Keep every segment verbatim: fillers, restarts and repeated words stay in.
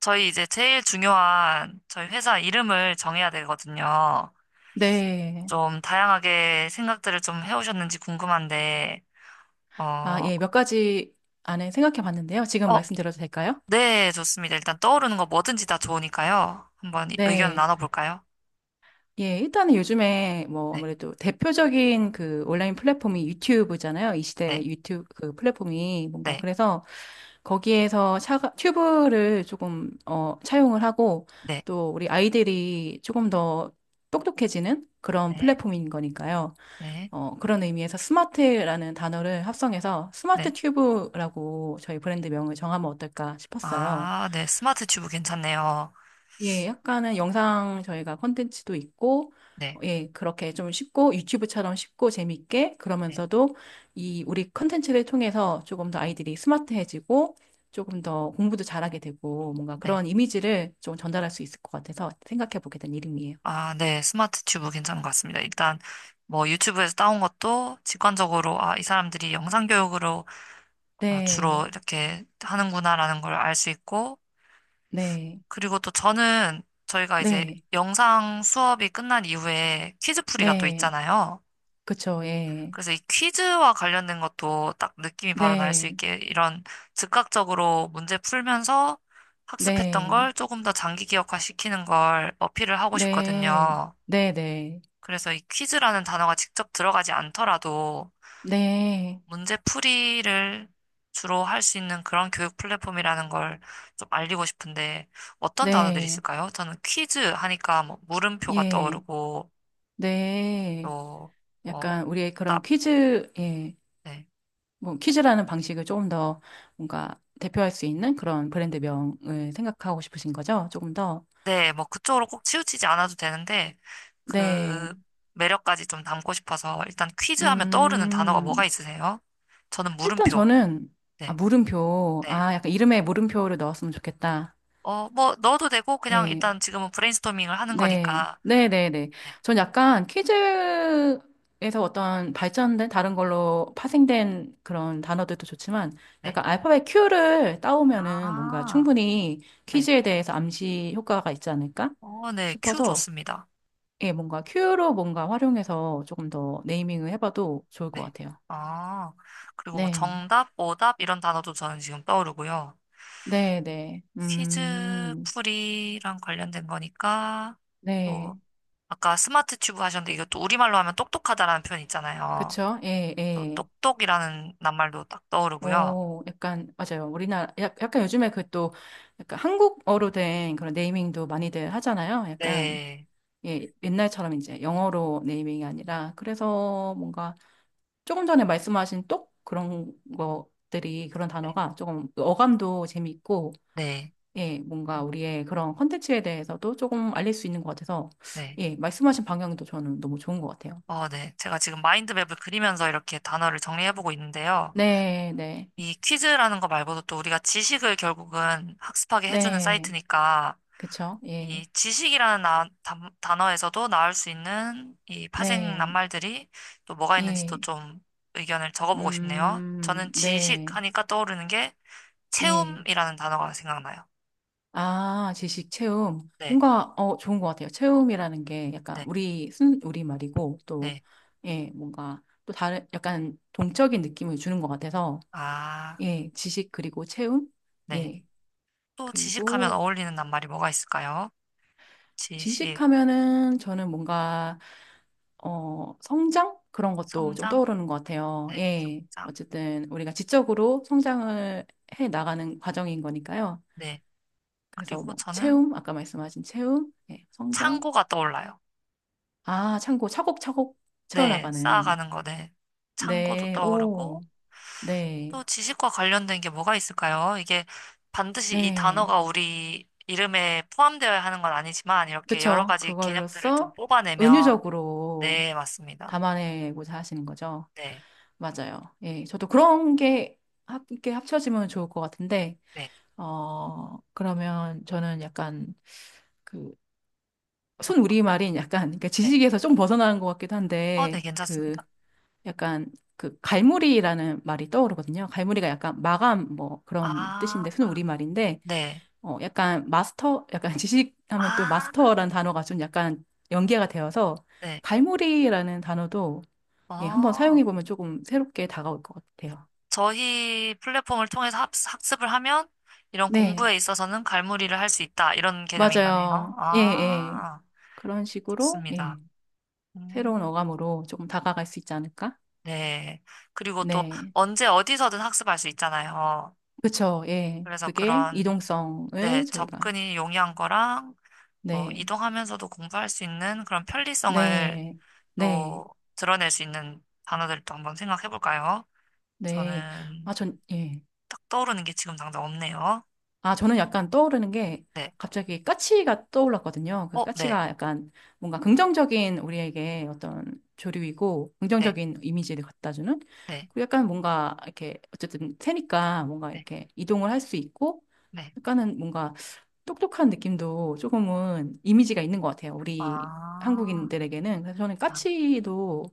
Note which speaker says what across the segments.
Speaker 1: 저희 이제 제일 중요한 저희 회사 이름을 정해야 되거든요.
Speaker 2: 네.
Speaker 1: 좀 다양하게 생각들을 좀 해오셨는지 궁금한데,
Speaker 2: 아,
Speaker 1: 어,
Speaker 2: 예, 몇 가지 안에 생각해 봤는데요. 지금
Speaker 1: 어,
Speaker 2: 말씀드려도 될까요?
Speaker 1: 네, 좋습니다. 일단 떠오르는 거 뭐든지 다 좋으니까요. 한번 이- 의견을
Speaker 2: 네.
Speaker 1: 나눠볼까요?
Speaker 2: 예, 일단은 요즘에 뭐
Speaker 1: 네,
Speaker 2: 아무래도 대표적인 그 온라인 플랫폼이 유튜브잖아요. 이 시대
Speaker 1: 네,
Speaker 2: 유튜브 그 플랫폼이 뭔가
Speaker 1: 네,
Speaker 2: 그래서 거기에서 샤가, 튜브를 조금 어, 차용을 하고
Speaker 1: 네,
Speaker 2: 또 우리 아이들이 조금 더 똑똑해지는 그런
Speaker 1: 네,
Speaker 2: 플랫폼인 거니까요.
Speaker 1: 네,
Speaker 2: 어, 그런 의미에서 스마트라는 단어를 합성해서 스마트
Speaker 1: 네.
Speaker 2: 튜브라고 저희 브랜드 명을 정하면 어떨까 싶었어요.
Speaker 1: 아, 네, 스마트 튜브 괜찮네요.
Speaker 2: 예, 약간은 영상 저희가 컨텐츠도 있고,
Speaker 1: 네,
Speaker 2: 예, 그렇게 좀 쉽고 유튜브처럼 쉽고 재밌게
Speaker 1: 네,
Speaker 2: 그러면서도 이 우리 컨텐츠를 통해서 조금 더 아이들이 스마트해지고 조금 더 공부도 잘하게 되고 뭔가
Speaker 1: 네.
Speaker 2: 그런 이미지를 좀 전달할 수 있을 것 같아서 생각해 보게 된 이름이에요.
Speaker 1: 아, 네, 스마트 튜브 괜찮은 것 같습니다. 일단 뭐 유튜브에서 따온 것도 직관적으로, 아, 이 사람들이 영상 교육으로 어, 주로
Speaker 2: 네,
Speaker 1: 이렇게 하는구나라는 걸 알 수 있고,
Speaker 2: 네,
Speaker 1: 그리고 또 저는 저희가 이제
Speaker 2: 네,
Speaker 1: 영상 수업이 끝난 이후에 퀴즈풀이가 또
Speaker 2: 네,
Speaker 1: 있잖아요.
Speaker 2: 그쵸, 예,
Speaker 1: 그래서 이 퀴즈와 관련된 것도 딱 느낌이 바로 날 수
Speaker 2: 네.
Speaker 1: 있게 이런 즉각적으로 문제 풀면서 학습했던
Speaker 2: 네,
Speaker 1: 걸 조금 더 장기 기억화 시키는 걸 어필을 하고
Speaker 2: 네,
Speaker 1: 싶거든요.
Speaker 2: 네 네,
Speaker 1: 그래서 이 퀴즈라는 단어가 직접 들어가지 않더라도
Speaker 2: 네, 네,
Speaker 1: 문제풀이를 주로 할 수 있는 그런 교육 플랫폼이라는 걸 좀 알리고 싶은데 어떤 단어들이
Speaker 2: 네,
Speaker 1: 있을까요? 저는 퀴즈 하니까 뭐 물음표가
Speaker 2: 예,
Speaker 1: 떠오르고
Speaker 2: 네.
Speaker 1: 또뭐
Speaker 2: 약간 우리의 그런
Speaker 1: 답,
Speaker 2: 퀴즈, 예,
Speaker 1: 네.
Speaker 2: 뭐 퀴즈라는 방식을 조금 더 뭔가 대표할 수 있는 그런 브랜드명을 생각하고 싶으신 거죠? 조금 더.
Speaker 1: 네, 뭐 그쪽으로 꼭 치우치지 않아도 되는데 그
Speaker 2: 네,
Speaker 1: 매력까지 좀 담고 싶어서 일단 퀴즈 하면 떠오르는 단어가 뭐가
Speaker 2: 음,
Speaker 1: 있으세요? 저는
Speaker 2: 일단
Speaker 1: 물음표.
Speaker 2: 저는, 아,
Speaker 1: 네.
Speaker 2: 물음표,
Speaker 1: 네.
Speaker 2: 아, 약간 이름에 물음표를 넣었으면 좋겠다.
Speaker 1: 어, 뭐 넣어도 되고 그냥
Speaker 2: 예.
Speaker 1: 일단 지금은 브레인스토밍을 하는
Speaker 2: 네,
Speaker 1: 거니까.
Speaker 2: 네, 네, 네.
Speaker 1: 네.
Speaker 2: 전 약간 퀴즈에서 어떤 발전된 다른 걸로 파생된 그런 단어들도 좋지만
Speaker 1: 네.
Speaker 2: 약간 알파벳 Q를 따오면은 뭔가
Speaker 1: 아.
Speaker 2: 충분히
Speaker 1: 네.
Speaker 2: 퀴즈에 대해서 암시 효과가 있지 않을까
Speaker 1: 어, 네, 큐
Speaker 2: 싶어서
Speaker 1: 좋습니다.
Speaker 2: 예, 뭔가 Q로 뭔가 활용해서 조금 더 네이밍을 해봐도 좋을 것
Speaker 1: 네.
Speaker 2: 같아요.
Speaker 1: 아, 그리고 뭐
Speaker 2: 네,
Speaker 1: 정답, 오답 이런 단어도 저는 지금 떠오르고요.
Speaker 2: 네, 네.
Speaker 1: 퀴즈
Speaker 2: 음,
Speaker 1: 풀이랑 관련된 거니까 또
Speaker 2: 네.
Speaker 1: 아까 스마트 튜브 하셨는데 이것도 우리말로 하면 똑똑하다라는 표현 있잖아요.
Speaker 2: 그쵸? 예,
Speaker 1: 또
Speaker 2: 예.
Speaker 1: 똑똑이라는 낱말도 딱 떠오르고요.
Speaker 2: 오, 약간, 맞아요. 우리나라, 약- 약간 요즘에 그 또, 약간 한국어로 된 그런 네이밍도 많이들 하잖아요. 약간,
Speaker 1: 네.
Speaker 2: 예, 옛날처럼 이제 영어로 네이밍이 아니라, 그래서 뭔가 조금 전에 말씀하신 똑 그런 것들이, 그런
Speaker 1: 네.
Speaker 2: 단어가 조금 어감도 재밌고,
Speaker 1: 네.
Speaker 2: 예,
Speaker 1: 음,
Speaker 2: 뭔가 우리의 그런 컨텐츠에 대해서도 조금 알릴 수 있는 것 같아서,
Speaker 1: 네.
Speaker 2: 예, 말씀하신 방향도 저는 너무 좋은 것 같아요.
Speaker 1: 어, 네. 제가 지금 마인드맵을 그리면서 이렇게 단어를 정리해보고 있는데요.
Speaker 2: 네, 네,
Speaker 1: 이 퀴즈라는 거 말고도 또 우리가 지식을 결국은 학습하게 해주는
Speaker 2: 네,
Speaker 1: 사이트니까
Speaker 2: 그쵸, 예,
Speaker 1: 이 지식이라는 나- 단- 단어에서도 나올 수 있는 이 파생
Speaker 2: 네,
Speaker 1: 낱말들이 또 뭐가 있는지 또
Speaker 2: 예.
Speaker 1: 좀 의견을 적어보고 싶네요.
Speaker 2: 음,
Speaker 1: 저는 지식
Speaker 2: 네,
Speaker 1: 하니까 떠오르는 게
Speaker 2: 예.
Speaker 1: 체움이라는 단어가 생각나요.
Speaker 2: 아, 지식 체험.
Speaker 1: 네,
Speaker 2: 뭔가, 어, 좋은 것 같아요. 체험이라는 게 약간
Speaker 1: 네,
Speaker 2: 우리, 순, 우리 말이고, 또,
Speaker 1: 네.
Speaker 2: 예, 뭔가, 또 다른, 약간 동적인 느낌을 주는 것 같아서,
Speaker 1: 아,
Speaker 2: 예, 지식 그리고 체험?
Speaker 1: 네.
Speaker 2: 예.
Speaker 1: 또 지식하면
Speaker 2: 그리고
Speaker 1: 어울리는 낱말이 뭐가 있을까요? 지식,
Speaker 2: 지식하면은 저는 뭔가, 어, 성장? 그런 것도 좀
Speaker 1: 성장,
Speaker 2: 떠오르는 것 같아요.
Speaker 1: 네,
Speaker 2: 예.
Speaker 1: 성장,
Speaker 2: 어쨌든 우리가 지적으로 성장을 해 나가는 과정인 거니까요.
Speaker 1: 네.
Speaker 2: 그래서
Speaker 1: 그리고
Speaker 2: 뭐
Speaker 1: 저는
Speaker 2: 채움, 아까 말씀하신 채움, 예, 성장.
Speaker 1: 창고가 떠올라요.
Speaker 2: 아, 참고 차곡차곡
Speaker 1: 네,
Speaker 2: 채워나가는.
Speaker 1: 쌓아가는 거, 네. 창고도
Speaker 2: 네, 오,
Speaker 1: 떠오르고,
Speaker 2: 네,
Speaker 1: 또 지식과 관련된 게 뭐가 있을까요? 이게 반드시 이
Speaker 2: 네.
Speaker 1: 단어가 우리 이름에 포함되어야 하는 건 아니지만 이렇게 여러
Speaker 2: 그쵸.
Speaker 1: 가지 개념들을 좀
Speaker 2: 그걸로써
Speaker 1: 뽑아내면
Speaker 2: 은유적으로
Speaker 1: 네, 맞습니다.
Speaker 2: 담아내고자 하시는 거죠.
Speaker 1: 네,
Speaker 2: 맞아요. 예, 저도 그런 게 합, 이렇게 합쳐지면 좋을 것 같은데,
Speaker 1: 네,
Speaker 2: 어, 그러면 저는 약간 그,
Speaker 1: 어,
Speaker 2: 순우리말인 약간, 그러니까
Speaker 1: 네,
Speaker 2: 지식에서 좀 벗어나는 것 같기도
Speaker 1: 어, 네,
Speaker 2: 한데, 그,
Speaker 1: 괜찮습니다.
Speaker 2: 약간 그 갈무리라는 말이 떠오르거든요. 갈무리가 약간 마감 뭐 그런
Speaker 1: 아,
Speaker 2: 뜻인데 순 우리말인데
Speaker 1: 네,
Speaker 2: 어 약간 마스터 약간 지식하면 또
Speaker 1: 아,
Speaker 2: 마스터라는 단어가 좀 약간 연계가 되어서
Speaker 1: 네,
Speaker 2: 갈무리라는 단어도 예, 한번
Speaker 1: 어,
Speaker 2: 사용해 보면 조금 새롭게 다가올 것 같아요.
Speaker 1: 저희 플랫폼을 통해서 학- 학습을 하면 이런
Speaker 2: 네,
Speaker 1: 공부에 있어서는 갈무리를 할 수 있다 이런 개념인 거네요.
Speaker 2: 맞아요. 예, 예.
Speaker 1: 아,
Speaker 2: 그런 식으로
Speaker 1: 좋습니다.
Speaker 2: 예. 새로운
Speaker 1: 음.
Speaker 2: 어감으로 조금 다가갈 수 있지 않을까?
Speaker 1: 네. 그리고 또
Speaker 2: 네.
Speaker 1: 언제 어디서든 학습할 수 있잖아요.
Speaker 2: 그쵸. 예.
Speaker 1: 그래서
Speaker 2: 그게
Speaker 1: 그런, 네,
Speaker 2: 이동성을 저희가
Speaker 1: 접근이 용이한 거랑 또
Speaker 2: 네.
Speaker 1: 이동하면서도 공부할 수 있는 그런 편리성을
Speaker 2: 네, 네,
Speaker 1: 또 드러낼 수 있는 단어들도 한번 생각해 볼까요?
Speaker 2: 네. 아,
Speaker 1: 저는
Speaker 2: 전, 예.
Speaker 1: 딱 떠오르는 게 지금 당장 없네요.
Speaker 2: 아, 저는 약간 떠오르는 게
Speaker 1: 네.
Speaker 2: 갑자기 까치가 떠올랐거든요. 그
Speaker 1: 어, 네.
Speaker 2: 까치가 약간 뭔가 긍정적인 우리에게 어떤 조류이고
Speaker 1: 네.
Speaker 2: 긍정적인 이미지를 갖다주는
Speaker 1: 네.
Speaker 2: 그리고 약간 뭔가 이렇게 어쨌든 새니까 뭔가
Speaker 1: 네.
Speaker 2: 이렇게 이동을 할 수 있고
Speaker 1: 네.
Speaker 2: 약간은 뭔가 똑똑한 느낌도 조금은 이미지가 있는 것 같아요. 우리
Speaker 1: 아.
Speaker 2: 한국인들에게는. 그래서 저는
Speaker 1: 아,
Speaker 2: 까치도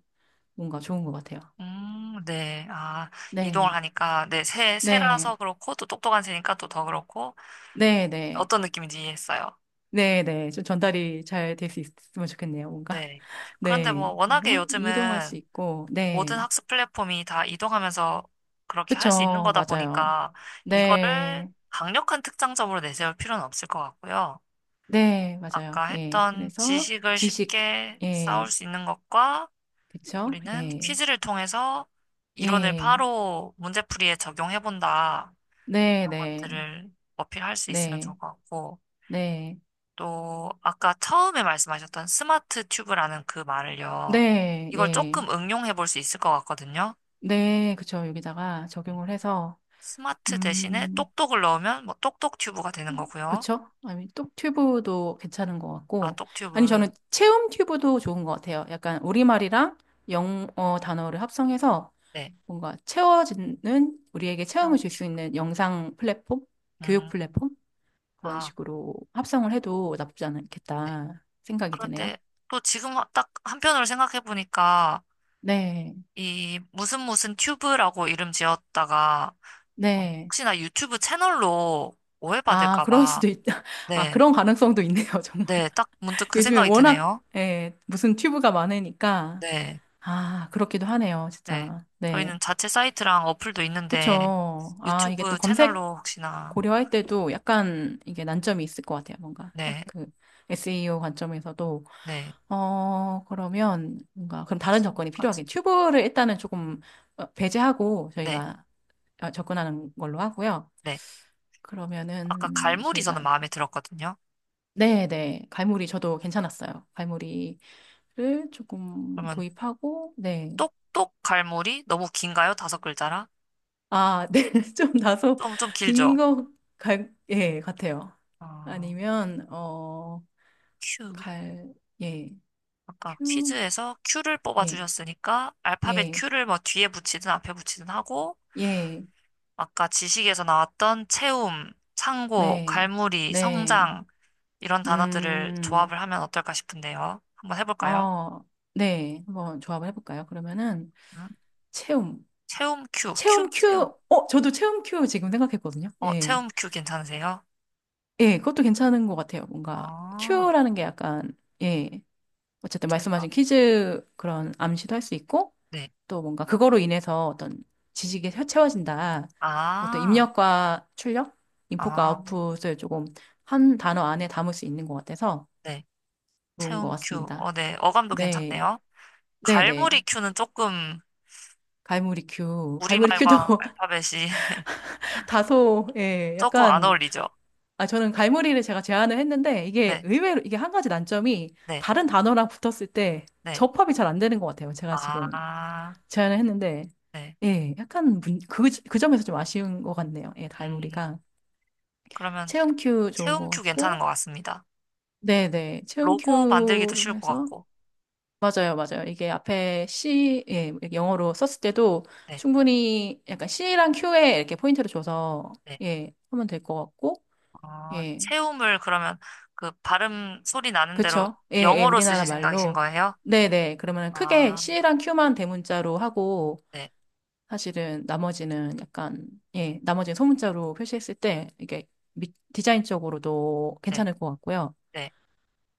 Speaker 2: 뭔가 좋은 것 같아요.
Speaker 1: 음, 네. 아, 이동을
Speaker 2: 네,
Speaker 1: 하니까, 네, 새,
Speaker 2: 네.
Speaker 1: 새라서 그렇고, 또 똑똑한 새니까 또 더 그렇고,
Speaker 2: 네네.
Speaker 1: 어떤 느낌인지 이해했어요.
Speaker 2: 네네. 좀 전달이 잘 될 수 있으면 좋겠네요, 뭔가.
Speaker 1: 네. 그런데 뭐
Speaker 2: 네.
Speaker 1: 워낙에
Speaker 2: 그래서 이동할 수
Speaker 1: 요즘은
Speaker 2: 있고, 네.
Speaker 1: 모든 학습 플랫폼이 다 이동하면서 그렇게 할 수 있는
Speaker 2: 그쵸.
Speaker 1: 거다
Speaker 2: 맞아요.
Speaker 1: 보니까 이거를
Speaker 2: 네.
Speaker 1: 강력한 특장점으로 내세울 필요는 없을 것 같고요.
Speaker 2: 네. 맞아요.
Speaker 1: 아까
Speaker 2: 예.
Speaker 1: 했던
Speaker 2: 그래서
Speaker 1: 지식을
Speaker 2: 지식,
Speaker 1: 쉽게
Speaker 2: 예.
Speaker 1: 쌓을 수 있는 것과
Speaker 2: 그쵸.
Speaker 1: 우리는
Speaker 2: 예.
Speaker 1: 퀴즈를 통해서 이론을
Speaker 2: 예.
Speaker 1: 바로 문제풀이에 적용해 본다.
Speaker 2: 네네. 네.
Speaker 1: 것들을 어필할 수 있으면 좋을 것 같고.
Speaker 2: 네.
Speaker 1: 또 아까 처음에 말씀하셨던 스마트 튜브라는 그 말을요.
Speaker 2: 네.
Speaker 1: 이걸
Speaker 2: 예.
Speaker 1: 조금 응용해 볼 수 있을 것 같거든요.
Speaker 2: 네. 그쵸. 여기다가
Speaker 1: 네.
Speaker 2: 적용을 해서,
Speaker 1: 스마트 대신에
Speaker 2: 음,
Speaker 1: 똑똑을 넣으면 뭐 똑똑 튜브가 되는 거고요.
Speaker 2: 그쵸? 아니, 똑 튜브도 괜찮은 것
Speaker 1: 아,
Speaker 2: 같고.
Speaker 1: 똑
Speaker 2: 아니,
Speaker 1: 튜브.
Speaker 2: 저는 체험 튜브도 좋은 것 같아요. 약간 우리말이랑 영어 단어를 합성해서
Speaker 1: 네.
Speaker 2: 뭔가 채워지는, 우리에게
Speaker 1: 체형
Speaker 2: 체험을 줄 수
Speaker 1: 튜브.
Speaker 2: 있는 영상 플랫폼? 교육
Speaker 1: 음,
Speaker 2: 플랫폼? 그런
Speaker 1: 아,
Speaker 2: 식으로 합성을 해도 나쁘지
Speaker 1: 네.
Speaker 2: 않겠다 생각이 드네요.
Speaker 1: 그런데 또 지금 딱 한편으로 생각해 보니까
Speaker 2: 네,
Speaker 1: 이 무슨 무슨 튜브라고 이름 지었다가 어,
Speaker 2: 네.
Speaker 1: 혹시나 유튜브 채널로
Speaker 2: 아,
Speaker 1: 오해받을까
Speaker 2: 그럴
Speaker 1: 봐.
Speaker 2: 수도 있다. 아,
Speaker 1: 네.
Speaker 2: 그런 가능성도 있네요, 정말.
Speaker 1: 네. 딱 문득 그
Speaker 2: 요즘에
Speaker 1: 생각이
Speaker 2: 워낙,
Speaker 1: 드네요.
Speaker 2: 예, 무슨 튜브가 많으니까.
Speaker 1: 네.
Speaker 2: 아, 그렇기도 하네요,
Speaker 1: 네.
Speaker 2: 진짜. 네.
Speaker 1: 저희는 자체 사이트랑 어플도 있는데
Speaker 2: 그쵸. 아, 이게 또
Speaker 1: 유튜브
Speaker 2: 검색
Speaker 1: 채널로 혹시나
Speaker 2: 고려할 때도 약간 이게 난점이 있을 것 같아요. 뭔가 딱
Speaker 1: 네,
Speaker 2: 그 에스 이 오 관점에서도.
Speaker 1: 네.
Speaker 2: 어, 그러면 뭔가, 그럼 다른 접근이
Speaker 1: 지금까지.
Speaker 2: 필요하긴. 튜브를 일단은 조금 어, 배제하고
Speaker 1: 네,
Speaker 2: 저희가 어, 접근하는 걸로 하고요.
Speaker 1: 네. 아까
Speaker 2: 그러면은
Speaker 1: 갈무리 저는
Speaker 2: 저희가,
Speaker 1: 마음에 들었거든요.
Speaker 2: 네네. 갈무리 저도 괜찮았어요. 갈무리를 조금
Speaker 1: 그러면
Speaker 2: 도입하고, 네.
Speaker 1: 똑똑 갈무리 너무 긴가요? 다섯 글자라?
Speaker 2: 아, 네. 좀 다소
Speaker 1: 좀, 좀
Speaker 2: 긴
Speaker 1: 길죠?
Speaker 2: 거, 갈, 예, 같아요.
Speaker 1: 어,
Speaker 2: 아니면 어,
Speaker 1: 큐.
Speaker 2: 갈, 예,
Speaker 1: 아까
Speaker 2: 큐,
Speaker 1: 퀴즈에서 Q를
Speaker 2: 예,
Speaker 1: 뽑아주셨으니까 알파벳
Speaker 2: 예,
Speaker 1: Q를 뭐 뒤에 붙이든 앞에 붙이든 하고
Speaker 2: 예,
Speaker 1: 아까 지식에서 나왔던 채움, 창고,
Speaker 2: 네,
Speaker 1: 갈무리,
Speaker 2: 네,
Speaker 1: 성장 이런 단어들을
Speaker 2: 음,
Speaker 1: 조합을 하면 어떨까 싶은데요. 한번 해볼까요?
Speaker 2: 어, 네, 한번 조합을 해볼까요? 그러면은
Speaker 1: 음,
Speaker 2: 체험,
Speaker 1: 체험 큐, 큐
Speaker 2: 체험 큐,
Speaker 1: 체험.
Speaker 2: 어, 저도 체험 큐 지금 생각했거든요.
Speaker 1: 어,
Speaker 2: 예,
Speaker 1: 체험 큐 괜찮으세요?
Speaker 2: 예, 그것도 괜찮은 것 같아요. 뭔가
Speaker 1: 아,
Speaker 2: 큐라는 게 약간, 예, 어쨌든 말씀하신
Speaker 1: 저희가,
Speaker 2: 퀴즈 그런 암시도 할 수 있고,
Speaker 1: 네.
Speaker 2: 또 뭔가 그거로 인해서 어떤 지식이 채워진다. 어떤
Speaker 1: 아,
Speaker 2: 입력과 출력, 인풋과
Speaker 1: 아,
Speaker 2: 아웃풋을 조금 한 단어 안에 담을 수 있는 것 같아서
Speaker 1: 네.
Speaker 2: 좋은 것
Speaker 1: 체험 큐.
Speaker 2: 같습니다.
Speaker 1: 어, 네. 어감도
Speaker 2: 네.
Speaker 1: 괜찮네요. 갈무리
Speaker 2: 네네.
Speaker 1: 큐는 조금
Speaker 2: 갈무리 큐. 갈무리 큐도
Speaker 1: 우리말과 알파벳이
Speaker 2: 다소, 예,
Speaker 1: 조금 안
Speaker 2: 약간,
Speaker 1: 어울리죠?
Speaker 2: 아, 저는 갈무리를 제가 제안을 했는데, 이게
Speaker 1: 네,
Speaker 2: 의외로, 이게 한 가지 난점이
Speaker 1: 네,
Speaker 2: 다른 단어랑 붙었을 때
Speaker 1: 네.
Speaker 2: 접합이 잘 안 되는 것 같아요. 제가 지금.
Speaker 1: 아,
Speaker 2: 제안을 했는데,
Speaker 1: 네.
Speaker 2: 예, 약간 문- 그, 그 점에서 좀 아쉬운 것 같네요. 예,
Speaker 1: 음,
Speaker 2: 달무리가.
Speaker 1: 그러면
Speaker 2: 체험 큐 좋은
Speaker 1: 체험
Speaker 2: 것
Speaker 1: 큐 괜찮은
Speaker 2: 같고,
Speaker 1: 것 같습니다.
Speaker 2: 네네, 체험
Speaker 1: 로고 만들기도
Speaker 2: 큐로
Speaker 1: 쉬울 것
Speaker 2: 해서,
Speaker 1: 같고.
Speaker 2: 맞아요, 맞아요. 이게 앞에 C, 예, 영어로 썼을 때도
Speaker 1: 네.
Speaker 2: 충분히 약간 C랑 Q에 이렇게 포인트를 줘서,
Speaker 1: 네.
Speaker 2: 예, 하면 될 것 같고,
Speaker 1: 아,
Speaker 2: 예,
Speaker 1: 채움을 그러면 그 발음 소리 나는 대로
Speaker 2: 그쵸? 예, 예,
Speaker 1: 영어로
Speaker 2: 우리나라
Speaker 1: 쓰실 생각이신
Speaker 2: 말로.
Speaker 1: 거예요?
Speaker 2: 네네, 그러면 크게
Speaker 1: 아,
Speaker 2: C랑 Q만 대문자로 하고,
Speaker 1: 네,
Speaker 2: 사실은 나머지는 약간, 예, 나머지는 소문자로 표시했을 때 이게 미- 디자인적으로도
Speaker 1: 네,
Speaker 2: 괜찮을 것 같고요.
Speaker 1: 네,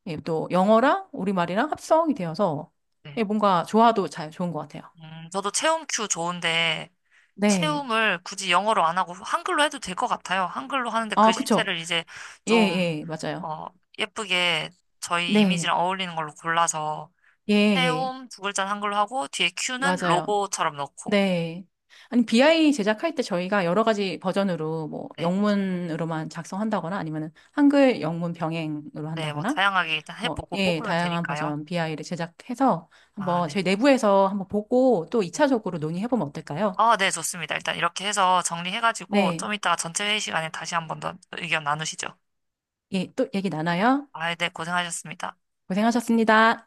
Speaker 2: 예, 또 영어랑 우리말이랑 합성이 되어서
Speaker 1: 네.
Speaker 2: 예, 뭔가 조화도 잘 좋은 것 같아요.
Speaker 1: 음, 저도 채움 큐 좋은데
Speaker 2: 네.
Speaker 1: 채움을 굳이 영어로 안 하고 한글로 해도 될 것 같아요. 한글로 하는데
Speaker 2: 아, 그쵸.
Speaker 1: 글씨체를 이제
Speaker 2: 예,
Speaker 1: 좀
Speaker 2: 예, 맞아요.
Speaker 1: 어, 예쁘게 저희
Speaker 2: 네.
Speaker 1: 이미지랑 어울리는 걸로 골라서
Speaker 2: 예, 예,
Speaker 1: 채움 두 글자는 한글로 하고 뒤에 큐는
Speaker 2: 맞아요.
Speaker 1: 로고처럼 넣고
Speaker 2: 네. 아니, 비 아이 제작할 때 저희가 여러 가지 버전으로 뭐
Speaker 1: 네,
Speaker 2: 영문으로만 작성한다거나 아니면은 한글 영문 병행으로
Speaker 1: 네, 뭐
Speaker 2: 한다거나
Speaker 1: 다양하게 일단
Speaker 2: 뭐,
Speaker 1: 해보고
Speaker 2: 예,
Speaker 1: 뽑으면
Speaker 2: 다양한
Speaker 1: 되니까요.
Speaker 2: 버전 비 아이를 제작해서
Speaker 1: 아,
Speaker 2: 한번
Speaker 1: 네. 네.
Speaker 2: 저희 내부에서 한번 보고 또 이 차적으로 논의해보면 어떨까요?
Speaker 1: 아, 네, 좋습니다. 일단 이렇게 해서 정리해가지고
Speaker 2: 네.
Speaker 1: 좀 이따가 전체 회의 시간에 다시 한 번 더 의견 나누시죠.
Speaker 2: 예, 또 얘기 나눠요.
Speaker 1: 아, 네, 고생하셨습니다.
Speaker 2: 고생하셨습니다.